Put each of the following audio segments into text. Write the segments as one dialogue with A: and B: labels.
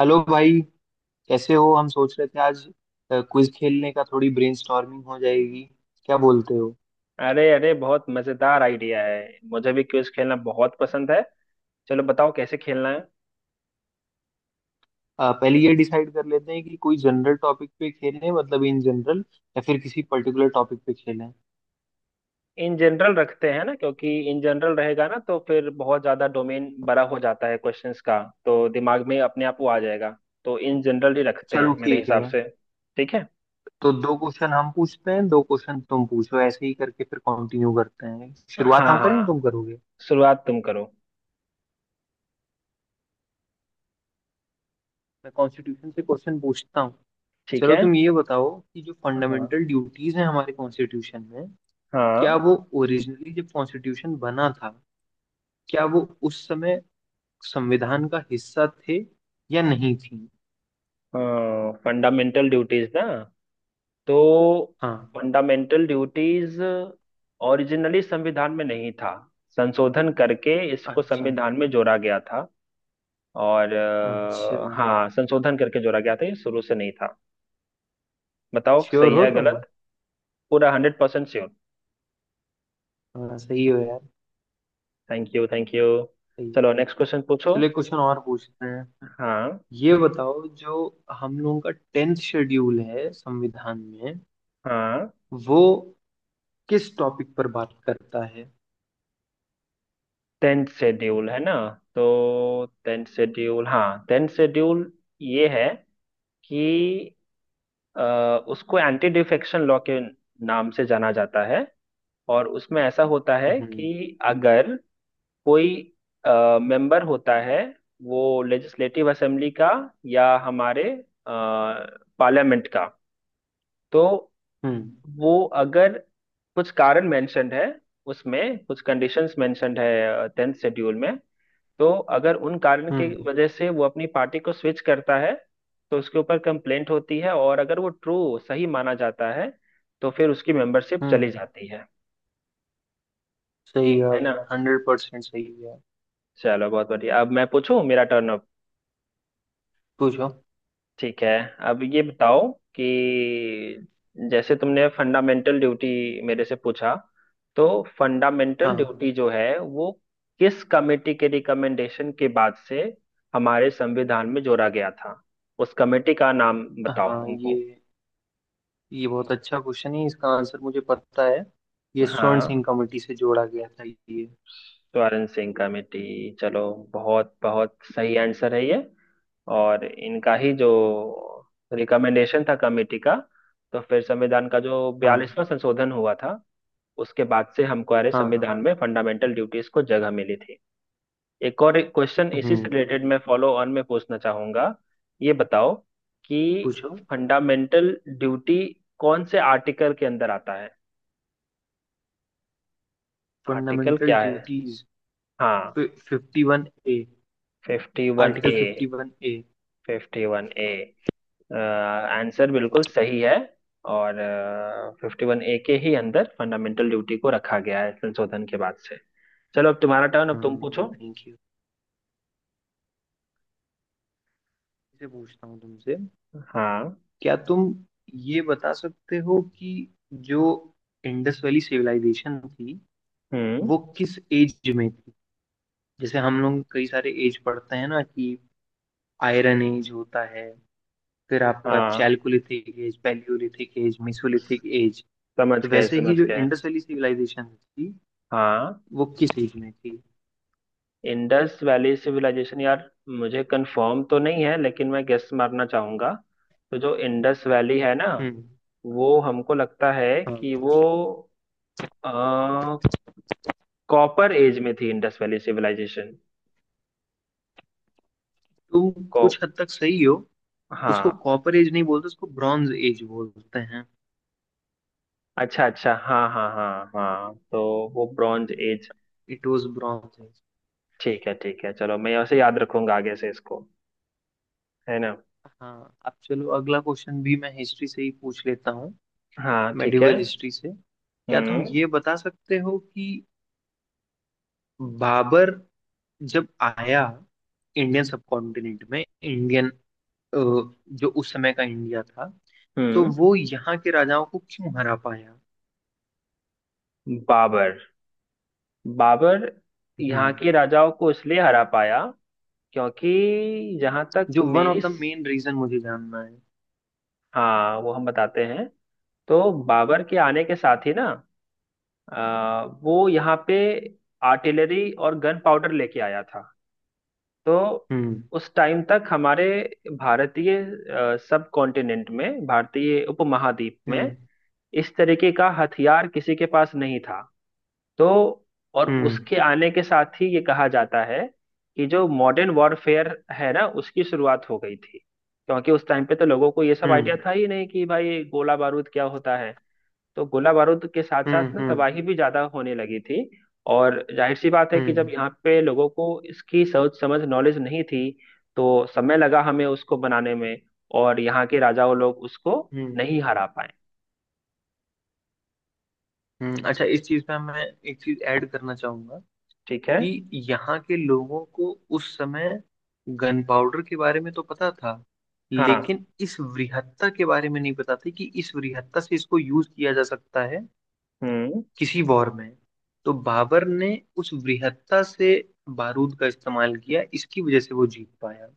A: Hello भाई। कैसे हो? हम सोच रहे थे आज क्विज खेलने का, थोड़ी ब्रेनस्टॉर्मिंग हो जाएगी। क्या बोलते हो?
B: अरे अरे, बहुत मजेदार आइडिया है। मुझे भी क्विज खेलना बहुत पसंद है। चलो बताओ कैसे खेलना है।
A: पहले ये डिसाइड कर लेते हैं कि कोई जनरल टॉपिक पे खेलें, मतलब इन जनरल, या फिर किसी पर्टिकुलर टॉपिक पे खेलें।
B: इन जनरल रखते हैं ना, क्योंकि इन जनरल रहेगा ना तो फिर बहुत ज्यादा डोमेन बड़ा हो जाता है क्वेश्चंस का। तो दिमाग में अपने आप वो आ जाएगा। तो इन जनरल ही रखते
A: चलो,
B: हैं मेरे
A: ठीक
B: हिसाब
A: है।
B: से। ठीक है।
A: तो दो क्वेश्चन हम पूछते हैं, दो क्वेश्चन तुम पूछो, ऐसे ही करके फिर कंटिन्यू करते हैं। शुरुआत
B: हाँ
A: हम करें या
B: हाँ,
A: तुम करोगे?
B: शुरुआत तुम करो।
A: मैं कॉन्स्टिट्यूशन से क्वेश्चन पूछता हूँ।
B: ठीक
A: चलो,
B: है।
A: तुम ये बताओ कि जो
B: हाँ।
A: फंडामेंटल ड्यूटीज हैं हमारे कॉन्स्टिट्यूशन में, क्या
B: हाँ।
A: वो ओरिजिनली जब कॉन्स्टिट्यूशन बना था, क्या वो उस समय संविधान का हिस्सा थे या नहीं थी?
B: फंडामेंटल ड्यूटीज ना, तो
A: हाँ।
B: फंडामेंटल ड्यूटीज ओरिजिनली संविधान में नहीं था। संशोधन करके इसको
A: अच्छा।
B: संविधान में जोड़ा गया था। और
A: अच्छा।
B: हाँ, संशोधन करके जोड़ा गया था, ये शुरू से नहीं था। बताओ
A: श्योर
B: सही
A: हो
B: है
A: तुम?
B: गलत। पूरा 100% श्योर।
A: हाँ, सही हो यार।
B: Thank you, thank you.
A: सही।
B: चलो नेक्स्ट क्वेश्चन पूछो।
A: चलिए, क्वेश्चन और पूछते हैं।
B: हाँ।
A: ये बताओ, जो हम लोगों का 10th शेड्यूल है संविधान में,
B: हाँ।
A: वो किस टॉपिक पर बात करता है?
B: टेंथ शेड्यूल है ना, तो टेंथ शेड्यूल, हाँ टेंथ शेड्यूल ये है कि अ, उसको एंटी डिफेक्शन लॉ के नाम से जाना जाता है। और उसमें ऐसा होता है
A: हम्म।
B: कि अगर कोई मेंबर होता है वो लेजिस्लेटिव असेंबली का या हमारे पार्लियामेंट का, तो
A: हम्म।
B: वो अगर, कुछ कारण मेंशन्ड है उसमें, कुछ कंडीशंस मेंशन्ड है टेंथ शेड्यूल में, तो अगर उन कारण के
A: हम्म।
B: वजह से वो अपनी पार्टी को स्विच करता है, तो उसके ऊपर कंप्लेंट होती है और अगर वो ट्रू सही माना जाता है तो फिर उसकी मेंबरशिप
A: हम्म।
B: चली जाती है।
A: सही है,
B: है ना।
A: आपने 100% सही है।
B: चलो बहुत बढ़िया, अब मैं पूछूं, मेरा टर्न अब।
A: पूछो।
B: ठीक है। अब ये बताओ कि जैसे तुमने फंडामेंटल ड्यूटी मेरे से पूछा, तो फंडामेंटल
A: हाँ,
B: ड्यूटी जो है वो किस कमेटी के रिकमेंडेशन के बाद से हमारे संविधान में जोड़ा गया था, उस कमेटी का नाम बताओ
A: हाँ।
B: हमको।
A: ये बहुत अच्छा क्वेश्चन है, इसका आंसर मुझे पता है। ये स्वर्ण
B: हाँ,
A: सिंह कमेटी से जोड़ा गया था, ये।
B: स्वर्ण सिंह कमेटी, चलो, बहुत बहुत सही आंसर है ये। और इनका ही जो रिकमेंडेशन था कमेटी का, तो फिर संविधान का जो
A: हाँ,
B: 42वां संशोधन हुआ था उसके बाद से हमको, अरे
A: हाँ, हाँ।
B: संविधान में फंडामेंटल ड्यूटीज को जगह मिली थी। एक और क्वेश्चन
A: हम्म।
B: इसी से रिलेटेड
A: हम्म।
B: मैं फॉलो ऑन में पूछना चाहूंगा। ये बताओ कि
A: पूछो।
B: फंडामेंटल ड्यूटी कौन से आर्टिकल के अंदर आता है, आर्टिकल
A: फंडामेंटल
B: क्या है।
A: ड्यूटीज।
B: हाँ,
A: 51A।
B: फिफ्टी वन
A: आर्टिकल
B: ए
A: 51A।
B: 51A आंसर बिल्कुल सही है। और 51A के ही अंदर फंडामेंटल ड्यूटी को रखा गया है संशोधन के बाद से। चलो अब तुम्हारा टर्न, अब तुम
A: हम्म।
B: पूछो।
A: Thank you. से पूछता हूँ तुमसे।
B: हाँ।
A: क्या तुम ये बता सकते हो कि जो इंडस वैली सिविलाइजेशन थी,
B: हम्म।
A: वो किस एज में थी? जैसे हम लोग कई सारे एज पढ़ते हैं ना, कि आयरन एज होता है, फिर आपका
B: हाँ,
A: chalcolithic age, paleolithic age, mesolithic age.
B: समझ
A: तो
B: गए
A: वैसे
B: समझ
A: ही जो
B: गए।
A: इंडस वैली सिविलाइजेशन थी,
B: हाँ,
A: वो किस एज में थी?
B: इंडस वैली सिविलाइजेशन, यार मुझे कंफर्म तो नहीं है, लेकिन मैं गेस मारना चाहूंगा। तो जो इंडस वैली है ना,
A: हम्म।
B: वो हमको लगता है
A: हाँ।
B: कि वो कॉपर एज में थी, इंडस वैली सिविलाइजेशन।
A: तुम कुछ हद तक सही हो। उसको
B: हाँ,
A: कॉपर एज नहीं बोलते, उसको ब्रॉन्ज एज बोलते हैं।
B: अच्छा अच्छा, हाँ हाँ हाँ हाँ, तो वो bronze age.
A: It was bronze age.
B: ठीक है ठीक है, चलो मैं उसे याद रखूंगा आगे से इसको। है ना।
A: हाँ, अब चलो, अगला क्वेश्चन भी मैं हिस्ट्री से ही पूछ लेता हूँ।
B: हाँ ठीक है।
A: मेडिवल हिस्ट्री से। क्या तुम
B: हम्म।
A: ये बता सकते हो कि बाबर जब आया इंडियन सबकॉन्टिनेंट में, इंडियन अ, जो उस समय का इंडिया था, तो
B: हम्म।
A: वो यहाँ के राजाओं को क्यों हरा पाया?
B: बाबर, बाबर यहाँ
A: हम्म।
B: के राजाओं को इसलिए हरा पाया, क्योंकि जहाँ तक
A: जो वन
B: मेरी,
A: ऑफ द मेन रीजन, मुझे जानना है।
B: हाँ वो हम बताते हैं। तो बाबर के आने के साथ ही ना, वो यहाँ पे आर्टिलरी और गन पाउडर लेके आया था। तो
A: हम्म।
B: उस टाइम तक हमारे भारतीय सब कॉन्टिनेंट में, भारतीय उपमहाद्वीप में,
A: हम्म।
B: इस तरीके का हथियार किसी के पास नहीं था। तो, और
A: हम्म।
B: उसके आने के साथ ही ये कहा जाता है कि जो मॉडर्न वॉरफेयर है ना, उसकी शुरुआत हो गई थी, क्योंकि उस टाइम पे तो लोगों को ये सब आइडिया
A: हम्म।
B: था ही नहीं कि भाई गोला बारूद क्या होता है। तो गोला बारूद के साथ
A: हम्म।
B: साथ ना,
A: हम्म।
B: तबाही भी ज्यादा होने लगी थी। और जाहिर सी बात है कि जब
A: हम्म।
B: यहाँ पे लोगों को इसकी सोच समझ नॉलेज नहीं थी, तो समय लगा हमें उसको बनाने में। और यहाँ के राजाओं लोग उसको
A: हम्म।
B: नहीं हरा पाए।
A: हम्म। अच्छा, इस चीज पे मैं एक चीज ऐड करना चाहूंगा,
B: ठीक है।
A: कि यहाँ के लोगों को उस समय गन पाउडर के बारे में तो पता था,
B: हाँ।
A: लेकिन इस वृहत्ता के बारे में नहीं पता था कि इस वृहत्ता से इसको यूज किया जा सकता है
B: हम्म।
A: किसी वॉर में। तो बाबर ने उस वृहत्ता से बारूद का इस्तेमाल किया, इसकी वजह से वो जीत पाया।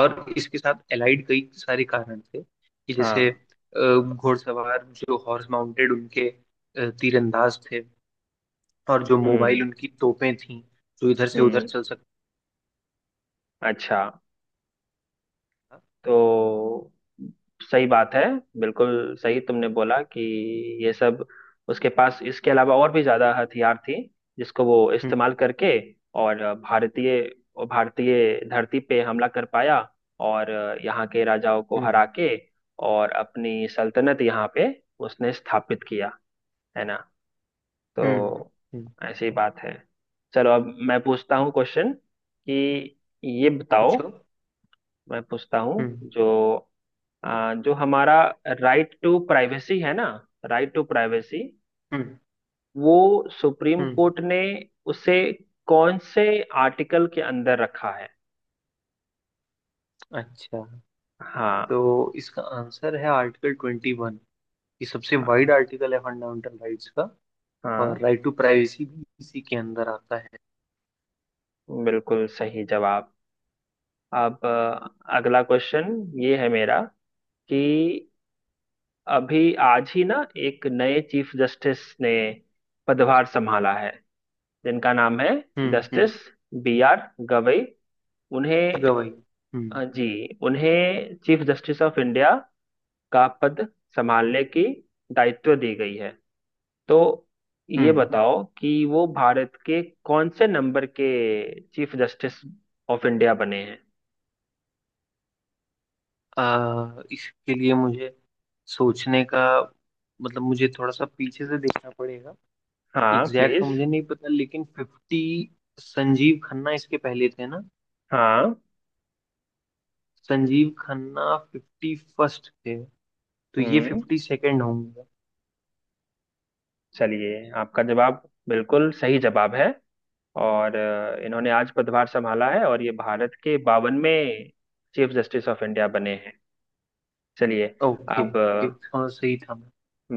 A: और इसके साथ एलाइड कई सारे कारण थे, कि जैसे
B: हाँ।
A: घुड़सवार, जो हॉर्स माउंटेड, उनके तीरंदाज थे। और जो मोबाइल
B: हम्म।
A: उनकी तोपें थीं, जो इधर से उधर
B: हम्म।
A: चल सकता
B: अच्छा,
A: था।
B: तो सही बात है। बिल्कुल सही तुमने बोला कि ये सब उसके पास इसके अलावा और भी ज्यादा हथियार थी, जिसको वो
A: हम्म।
B: इस्तेमाल करके, और भारतीय, और भारतीय धरती पे हमला कर पाया और यहाँ के राजाओं को
A: हम्म।
B: हरा के, और अपनी सल्तनत यहाँ पे उसने स्थापित किया। है ना।
A: हम्म।
B: तो
A: हम्म।
B: ऐसी बात है। चलो अब मैं पूछता हूँ क्वेश्चन कि, ये बताओ,
A: पूछो।
B: मैं पूछता हूँ
A: हम्म।
B: जो हमारा राइट टू प्राइवेसी है ना, राइट टू प्राइवेसी,
A: हम्म।
B: वो सुप्रीम
A: हम्म।
B: कोर्ट ने उसे कौन से आर्टिकल के अंदर रखा है।
A: अच्छा,
B: हाँ।
A: तो इसका आंसर है आर्टिकल 21। ये सबसे वाइड आर्टिकल है फंडामेंटल राइट्स का। और
B: हाँ,
A: राइट टू प्राइवेसी भी इसी के अंदर आता है।
B: बिल्कुल सही जवाब। अब अगला क्वेश्चन ये है मेरा, कि अभी आज ही ना, एक नए चीफ जस्टिस ने पदभार संभाला है जिनका नाम है
A: हम्म। हम्म।
B: Justice B R Gavai. उन्हें
A: गवाही। हम्म।
B: जी, उन्हें चीफ जस्टिस ऑफ इंडिया का पद संभालने की दायित्व दी गई है। तो ये
A: हम्म।
B: बताओ कि वो भारत के कौन से नंबर के चीफ जस्टिस ऑफ इंडिया बने हैं।
A: इसके लिए मुझे सोचने का, मतलब मुझे थोड़ा सा पीछे से देखना पड़ेगा।
B: हाँ
A: एग्जैक्ट तो
B: प्लीज।
A: मुझे नहीं पता, लेकिन 50, संजीव खन्ना इसके पहले थे ना?
B: हाँ।
A: संजीव खन्ना 51st थे, तो ये
B: हम्म।
A: 52nd होंगे।
B: चलिए, आपका जवाब बिल्कुल सही जवाब है। और इन्होंने आज पदभार संभाला है और ये भारत के 52वें चीफ जस्टिस ऑफ इंडिया बने हैं। चलिए
A: ओके,
B: अब,
A: ओके, थोड़ा सही था मैं।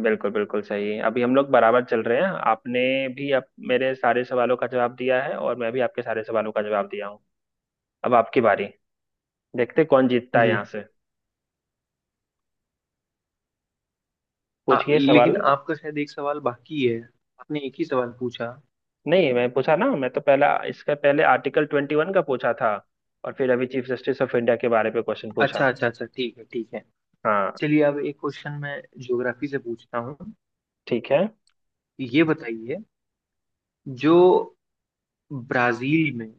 B: बिल्कुल बिल्कुल सही है। अभी हम लोग बराबर चल रहे हैं। आपने भी, आप मेरे सारे सवालों का जवाब दिया है और मैं भी आपके सारे सवालों का जवाब दिया हूँ। अब आपकी बारी, देखते हैं कौन जीतता है
A: जी।
B: यहाँ से। पूछिए सवाल।
A: लेकिन आपका शायद एक सवाल बाकी है, आपने एक ही सवाल पूछा।
B: नहीं, मैं पूछा ना, मैं तो पहला इसका, पहले आर्टिकल 21 का पूछा था, और फिर अभी चीफ जस्टिस ऑफ इंडिया के बारे में क्वेश्चन पूछा।
A: अच्छा, अच्छा, अच्छा। ठीक है, ठीक है।
B: हाँ।
A: चलिए, अब एक क्वेश्चन मैं ज्योग्राफी से पूछता हूँ।
B: ठीक है।
A: ये बताइए, जो ब्राजील में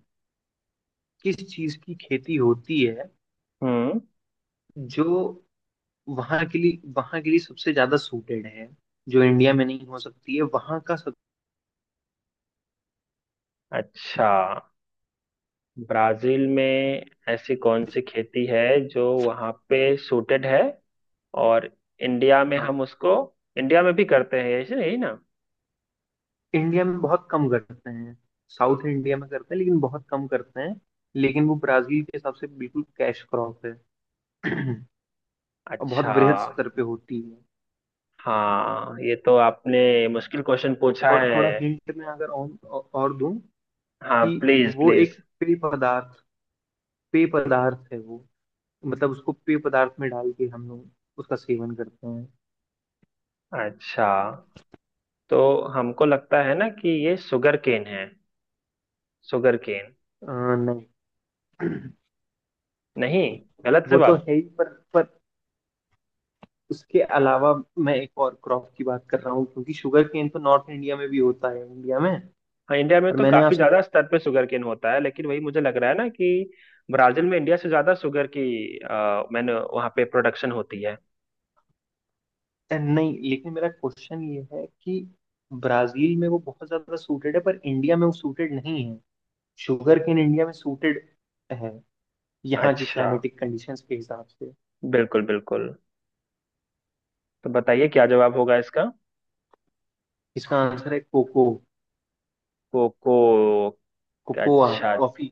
A: किस चीज की खेती होती है,
B: हम्म।
A: जो वहां के लिए सबसे ज्यादा सूटेड है, जो इंडिया में नहीं हो सकती है, वहां का सब।
B: अच्छा, ब्राजील में ऐसी कौन सी खेती है जो वहाँ पे सूटेड है, और इंडिया में हम
A: हाँ,
B: उसको, इंडिया में भी करते हैं ऐसे, यही ना।
A: इंडिया में बहुत कम करते हैं। साउथ इंडिया में करते हैं, लेकिन बहुत कम करते हैं। लेकिन वो ब्राजील के हिसाब से बिल्कुल कैश क्रॉप है। और बहुत
B: अच्छा।
A: वृहद स्तर पे होती है।
B: हाँ ये तो आपने मुश्किल क्वेश्चन पूछा
A: थोड़ा
B: है।
A: थोड़ा हिंट में अगर और दूं,
B: हाँ
A: कि
B: प्लीज
A: वो एक
B: प्लीज।
A: पेय पदार्थ, पेय पदार्थ है वो, मतलब उसको पेय पदार्थ में डाल के हम लोग उसका सेवन करते हैं।
B: अच्छा, तो हमको लगता है ना कि ये शुगर केन है, शुगर केन।
A: नहीं।
B: नहीं, गलत
A: वो तो
B: जवाब।
A: है ही, पर उसके अलावा मैं एक और क्रॉप की बात कर रहा हूँ, क्योंकि शुगर केन तो नॉर्थ इंडिया में भी होता है, इंडिया में।
B: हाँ, इंडिया में
A: और
B: तो
A: मैंने
B: काफी
A: आपसे
B: ज्यादा स्तर पे शुगर केन होता है, लेकिन वही मुझे लग रहा है ना कि ब्राजील में इंडिया से ज्यादा शुगर की, मैंने वहाँ पे प्रोडक्शन होती है।
A: नहीं, लेकिन मेरा क्वेश्चन ये है कि ब्राजील में वो बहुत ज्यादा सूटेड है, पर इंडिया में वो सूटेड नहीं है। शुगर केन इंडिया में सूटेड है, यहाँ के
B: अच्छा,
A: क्लाइमेटिक कंडीशंस के हिसाब से।
B: बिल्कुल बिल्कुल। तो बताइए क्या जवाब होगा इसका।
A: इसका आंसर है कोको,
B: कोको।
A: कोकोआ,
B: अच्छा,
A: कॉफी।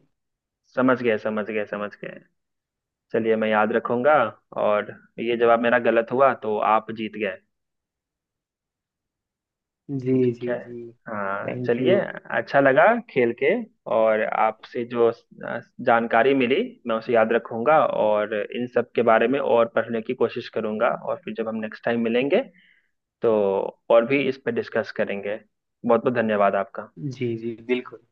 B: समझ गए समझ गए समझ गए। चलिए मैं याद रखूंगा। और ये जवाब मेरा गलत हुआ, तो आप जीत गए।
A: जी,
B: ठीक
A: जी,
B: है।
A: जी।
B: हाँ
A: थैंक
B: चलिए।
A: यू।
B: अच्छा लगा खेल के। और आपसे जो जानकारी मिली, मैं उसे याद रखूंगा और इन सब के बारे में और पढ़ने की कोशिश करूंगा, और फिर जब हम नेक्स्ट टाइम मिलेंगे, तो और भी इस पर डिस्कस करेंगे। बहुत बहुत धन्यवाद आपका।
A: जी, जी, बिल्कुल।